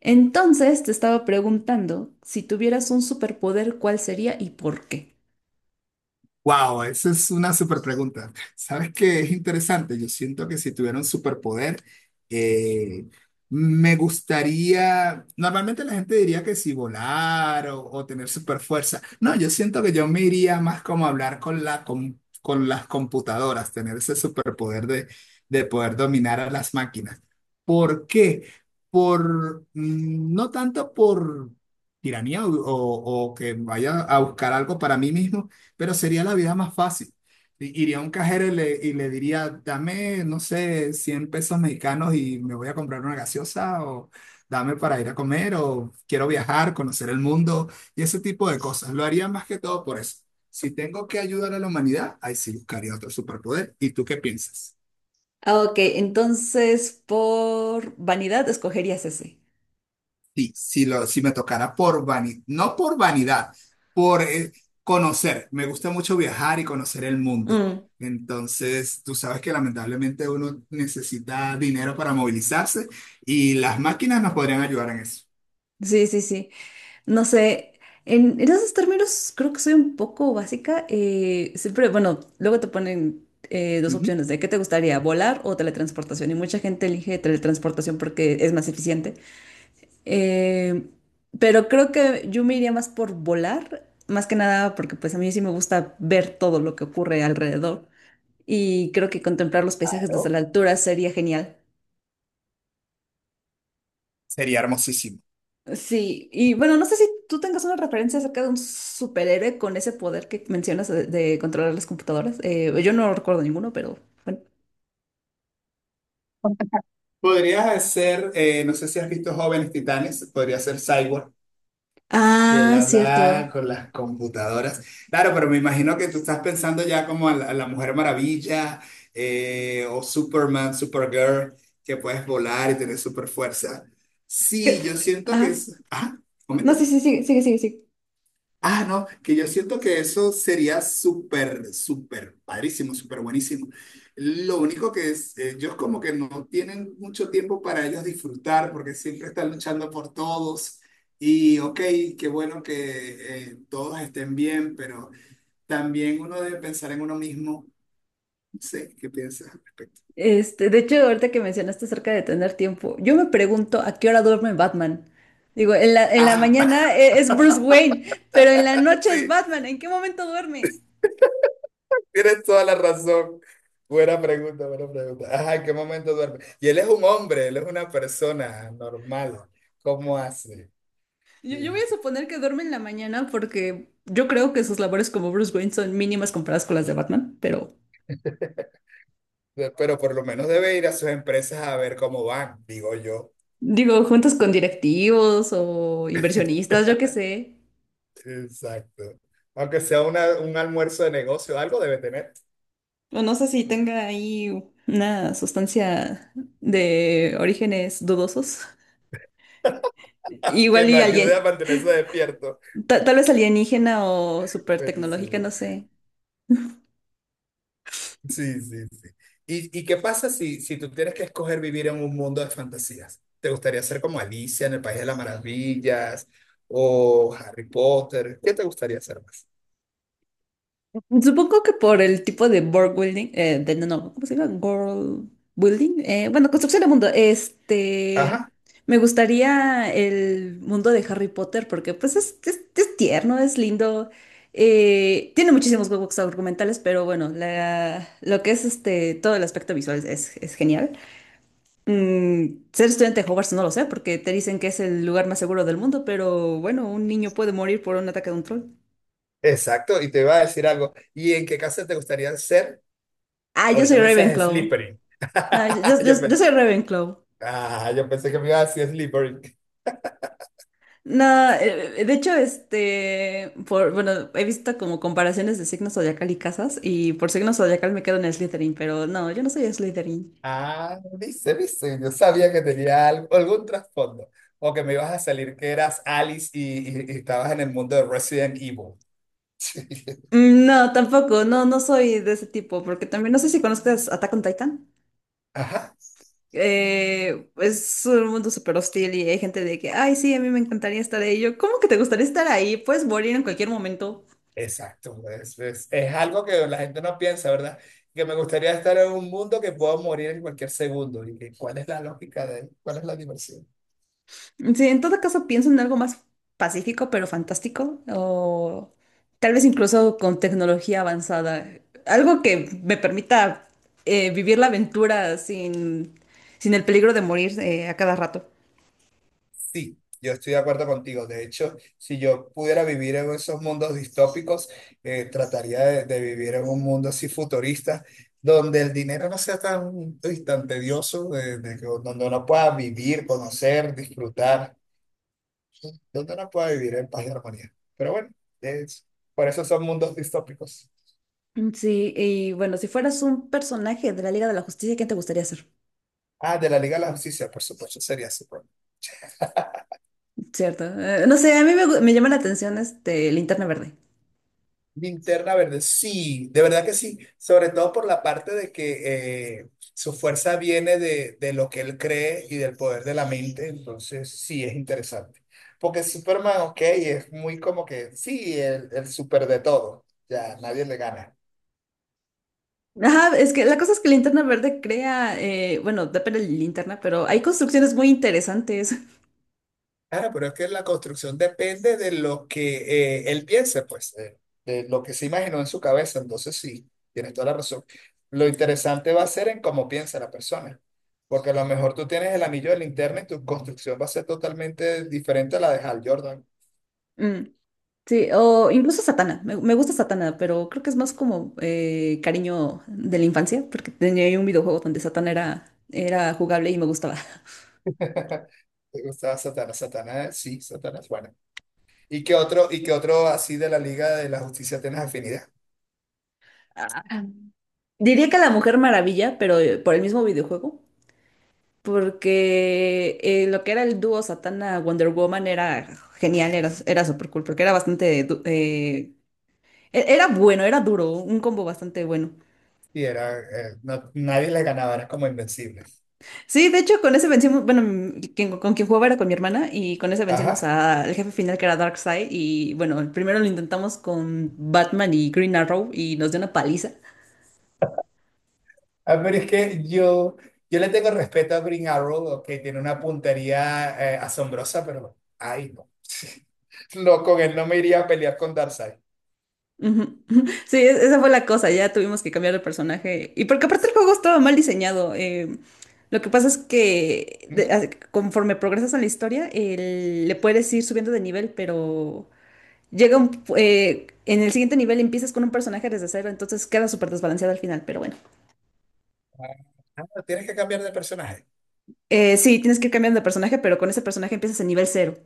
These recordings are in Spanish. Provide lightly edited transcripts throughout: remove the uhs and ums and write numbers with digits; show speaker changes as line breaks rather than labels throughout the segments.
Entonces te estaba preguntando si tuvieras un superpoder, ¿cuál sería y por qué?
Wow, esa es una super pregunta. ¿Sabes qué es interesante? Yo siento que si tuviera un superpoder, eh, me gustaría. Normalmente la gente diría que si volar o tener super fuerza. No, yo siento que yo me iría más como a hablar con las computadoras, tener ese superpoder de poder dominar a las máquinas. ¿Por qué? No tanto por tiranía o que vaya a buscar algo para mí mismo, pero sería la vida más fácil. Iría a un cajero y le diría, dame, no sé, 100 pesos mexicanos y me voy a comprar una gaseosa, o dame para ir a comer, o quiero viajar, conocer el mundo y ese tipo de cosas. Lo haría más que todo por eso. Si tengo que ayudar a la humanidad, ahí sí buscaría otro superpoder. ¿Y tú qué piensas?
Ah, ok, entonces por vanidad escogerías ese.
Sí, si, si me tocara por vanidad, no por vanidad, por conocer. Me gusta mucho viajar y conocer el mundo.
Mm,
Entonces, tú sabes que lamentablemente uno necesita dinero para movilizarse y las máquinas nos podrían ayudar en eso.
sí, sí, sí. No sé, en esos términos creo que soy un poco básica. Siempre, bueno, luego te ponen dos
Ujú.
opciones de qué te gustaría, volar o teletransportación. Y mucha gente elige teletransportación porque es más eficiente. Eh, pero creo que yo me iría más por volar, más que nada porque pues a mí sí me gusta ver todo lo que ocurre alrededor, y creo que contemplar los paisajes desde
Claro.
la altura sería genial.
Sería hermosísimo.
Sí, y bueno, no sé si tú tengas una referencia acerca de un superhéroe con ese poder que mencionas de controlar las computadoras. Yo no recuerdo ninguno, pero bueno.
Podrías hacer, no sé si has visto Jóvenes Titanes, podría ser Cyborg. Y él
Ah, cierto.
hablaba con las computadoras. Claro, pero me imagino que tú estás pensando ya como a la Mujer Maravilla, o Superman, Supergirl, que puedes volar y tener super fuerza. Sí, yo siento que
Ajá.
es. Ah,
No,
momento.
sí, sí, sí, sigue, sigue, sigue.
Ah, no, que yo siento que eso sería súper, súper padrísimo, súper buenísimo. Lo único que es, ellos como que no tienen mucho tiempo para ellos disfrutar porque siempre están luchando por todos. Y ok, qué bueno que todos estén bien, pero también uno debe pensar en uno mismo. No sé, ¿qué piensas al respecto?
Este, de hecho, ahorita que mencionaste acerca de tener tiempo, yo me pregunto a qué hora duerme Batman. Digo, en la
Ah,
mañana es Bruce Wayne, pero en la noche es
sí.
Batman. ¿En qué momento duerme?
Tienes toda la razón. Buena pregunta, buena pregunta. Ajá, ¿en qué momento duerme? Y él es un hombre, él es una persona normal. ¿Cómo hace?
Yo,
Sí.
yo voy a suponer que duerme en la mañana porque yo creo que sus labores como Bruce Wayne son mínimas comparadas con las de Batman, pero
Pero por lo menos debe ir a sus empresas a ver cómo van, digo yo.
digo, juntos con directivos o inversionistas, yo qué sé.
Exacto. Aunque sea un almuerzo de negocio, algo debe tener
O no sé si tenga ahí una sustancia de orígenes dudosos.
que
Igual
lo
y
ayude a
alguien.
mantenerse despierto.
Tal vez alienígena o super tecnológica,
Buenísimo.
no sé.
Sí, sí, sí. ¿Y qué pasa si, tú tienes que escoger vivir en un mundo de fantasías? ¿Te gustaría ser como Alicia en el País de las Maravillas o Harry Potter? ¿Qué te gustaría ser más?
Supongo que por el tipo de world building, de, no, no, ¿cómo se llama? World building. Bueno, construcción de mundo. Este,
Ajá,
me gustaría el mundo de Harry Potter porque pues es tierno, es lindo. Tiene muchísimos huecos argumentales, pero bueno, lo que es este, todo el aspecto visual es genial. Mm, ser estudiante de Hogwarts no lo sé, porque te dicen que es el lugar más seguro del mundo, pero bueno, un niño puede morir por un ataque de un troll.
exacto. Y te iba a decir algo. ¿Y en qué casa te gustaría ser?
Ah, yo
Ahorita
soy
me dices
Ravenclaw.
Slytherin.
No, yo, yo-
Yo
yo- yo
pensé,
soy Ravenclaw.
ah, yo pensé que me iba a decir Slytherin.
No, de hecho, este, por, bueno, he visto como comparaciones de signos zodiacal y casas, y por signo zodiacal me quedo en Slytherin, pero no, yo no soy Slytherin.
Ah, dice, dice. Yo sabía que tenía algún trasfondo. O que me ibas a salir que eras Alice y, y estabas en el mundo de Resident Evil.
Mm, no, tampoco, no, no soy de ese tipo, porque también no sé si conozcas Attack on Titan.
Ajá,
Es un mundo súper hostil y hay gente de que, ay, sí, a mí me encantaría estar ahí. Yo, ¿cómo que te gustaría estar ahí? Puedes morir en cualquier momento.
exacto. Es, es algo que la gente no piensa, ¿verdad? Que me gustaría estar en un mundo que puedo morir en cualquier segundo. ¿Y cuál es la lógica de cuál es la diversión?
Sí, en todo caso, pienso en algo más pacífico, pero fantástico, o tal vez incluso con tecnología avanzada. Algo que me permita vivir la aventura sin el peligro de morir a cada rato.
Sí, yo estoy de acuerdo contigo. De hecho, si yo pudiera vivir en esos mundos distópicos, trataría de, vivir en un mundo así futurista, donde el dinero no sea tan, uy, tan tedioso, donde uno pueda vivir, conocer, disfrutar. Donde no pueda vivir en paz y armonía. Pero bueno, es, por eso son mundos distópicos.
Sí, y bueno, si fueras un personaje de la Liga de la Justicia, ¿quién te gustaría ser?
Ah, de la Liga de la Justicia, por supuesto, sería su problema.
Cierto. No sé, a mí me llama la atención este Linterna Verde.
Linterna Verde, sí, de verdad que sí, sobre todo por la parte de que su fuerza viene de lo que él cree y del poder de la mente, entonces sí es interesante. Porque Superman, ok, es muy como que, sí, el super de todo, ya nadie le gana.
Ajá, es que la cosa es que Linterna Verde crea, bueno, depende de la linterna, pero hay construcciones muy interesantes.
Claro, pero es que la construcción depende de lo que él piense, pues, de lo que se imaginó en su cabeza. Entonces, sí, tienes toda la razón. Lo interesante va a ser en cómo piensa la persona, porque a lo mejor tú tienes el anillo de linterna y tu construcción va a ser totalmente diferente a la de Hal Jordan.
Mm, sí, o incluso Satana. Me gusta Satana, pero creo que es más como cariño de la infancia, porque tenía ahí un videojuego donde Satana era jugable y me gustaba.
¿Te gustaba Satanás? Satanás, sí, Satanás, bueno. Y qué otro así de la Liga de la Justicia tienes afinidad?
Diría que la Mujer Maravilla, pero por el mismo videojuego. Porque lo que era el dúo Satana Wonder Woman era genial, era súper cool, porque era era bueno, era duro, un combo bastante bueno.
Y era, no- nadie le ganaba, eran como invencibles.
Sí, de hecho con ese vencimos, bueno, mm, con quien jugaba era con mi hermana y con ese vencimos
Ajá.
al jefe final que era Darkseid y bueno, primero lo intentamos con Batman y Green Arrow y nos dio una paliza.
Ah, pero es que yo le tengo respeto a Green Arrow, que tiene una puntería asombrosa, pero ay, no. No, con él no me iría a pelear con Darkseid.
Ujú, ujú. Sí, esa fue la cosa, ya tuvimos que cambiar el personaje. Y porque aparte el juego estaba mal diseñado. Lo que pasa es que
Ujú.
conforme progresas en la historia, le puedes ir subiendo de nivel, pero llega un, en el siguiente nivel empiezas con un personaje desde cero, entonces queda súper desbalanceado al final, pero bueno.
Ah, tienes que cambiar de personaje.
Sí, tienes que ir cambiando de personaje, pero con ese personaje empiezas en nivel cero.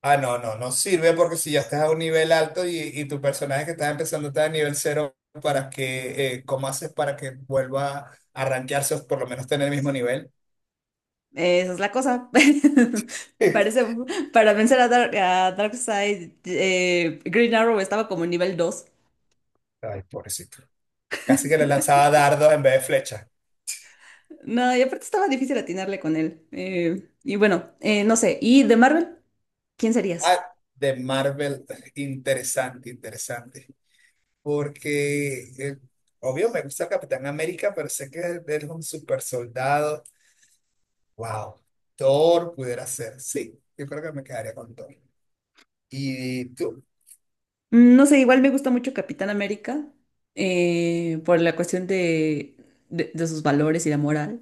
Ah, no, no, no sirve porque si ya estás a un nivel alto y tu personaje que estás empezando está a nivel cero, ¿para que cómo haces para que vuelva a rankearse o por lo menos tener el mismo nivel?
Esa es la cosa. Parece, para vencer a, a Darkseid, Green Arrow estaba como en nivel 2.
Ay, pobrecito. Casi que le lanzaba dardos en vez de flechas.
No, y aparte estaba difícil atinarle con él. Y bueno, no sé. ¿Y de Marvel? ¿Quién serías?
Ah, de Marvel, interesante, interesante. Porque, obvio, me gusta el Capitán América, pero sé que él es un super soldado. Wow, Thor pudiera ser, sí, yo creo que me quedaría con Thor. ¿Y tú?
Mm, no sé, igual me gusta mucho Capitán América por la cuestión de sus valores y la moral.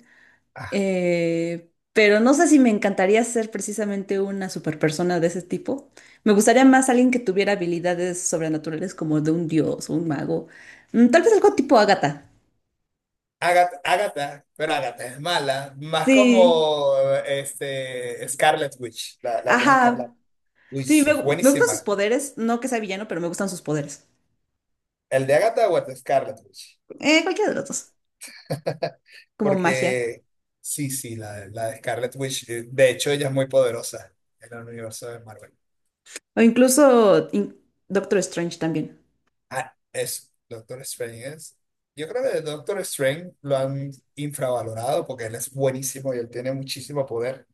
Ah,
Pero no sé si me encantaría ser precisamente una superpersona de ese tipo. Me gustaría más alguien que tuviera habilidades sobrenaturales como de un dios o un mago. Mm, tal vez algo tipo Agatha.
Agatha, Agatha, pero Agatha es mala, más
Sí,
como este, Scarlet Witch, la bruja escarlata.
ajá.
Uy,
Sí,
es
me gustan sus
buenísima.
poderes. No que sea villano, pero me gustan sus poderes.
¿El de Agatha o el de Scarlet Witch?
Cualquiera de los dos, como magia.
Porque sí, sí, la de Scarlet Witch, de hecho ella es muy poderosa en el universo de Marvel.
O incluso in- Doctor Strange también.
Ah, es Doctor Strange es. Yo creo que el Doctor Strange lo han infravalorado porque él es buenísimo y él tiene muchísimo poder,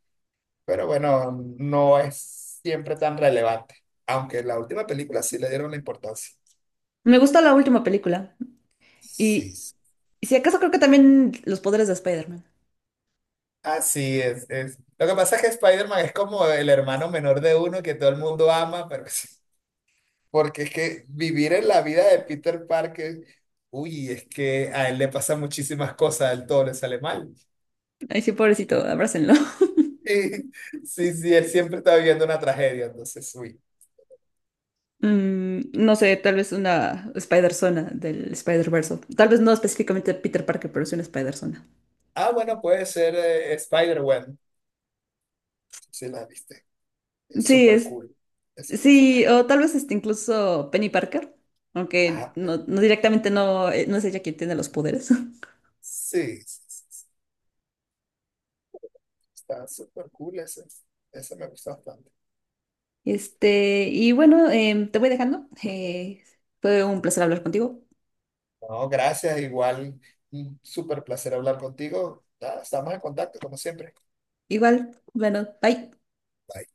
pero bueno, no es siempre tan relevante, aunque en la última película sí le dieron la importancia.
Me gusta la última película.
Sí,
Y,
sí.
y si acaso creo que también los poderes de Spider-Man.
Así es, es. Lo que pasa es que Spider-Man es como el hermano menor de uno que todo el mundo ama, pero porque es que vivir en la vida de Peter Parker, uy, es que a él le pasan muchísimas cosas, a él todo le sale mal.
Ay, sí, pobrecito, abrácenlo.
Sí, sí, sí, él siempre está viviendo una tragedia, entonces, uy.
Mm, no sé, tal vez una Spider-Zona del Spider-Verse. Tal vez no específicamente Peter Parker, pero sí una Spider-Zona.
Ah, bueno, puede ser Spider-Gwen, si la viste. Es
Sí,
súper
es,
cool ese
sí,
personaje.
o tal vez este, incluso Penny Parker. Aunque
Ajá,
no, no directamente no, no es ella quien tiene los poderes.
sí, sí, sí, sí. Está súper cool ese. Ese me gusta bastante.
Este, y bueno, te voy dejando. Fue un placer hablar contigo.
No, gracias, igual, un súper placer hablar contigo. Ah, estamos en contacto, como siempre.
Igual, bueno, bye.
Bye.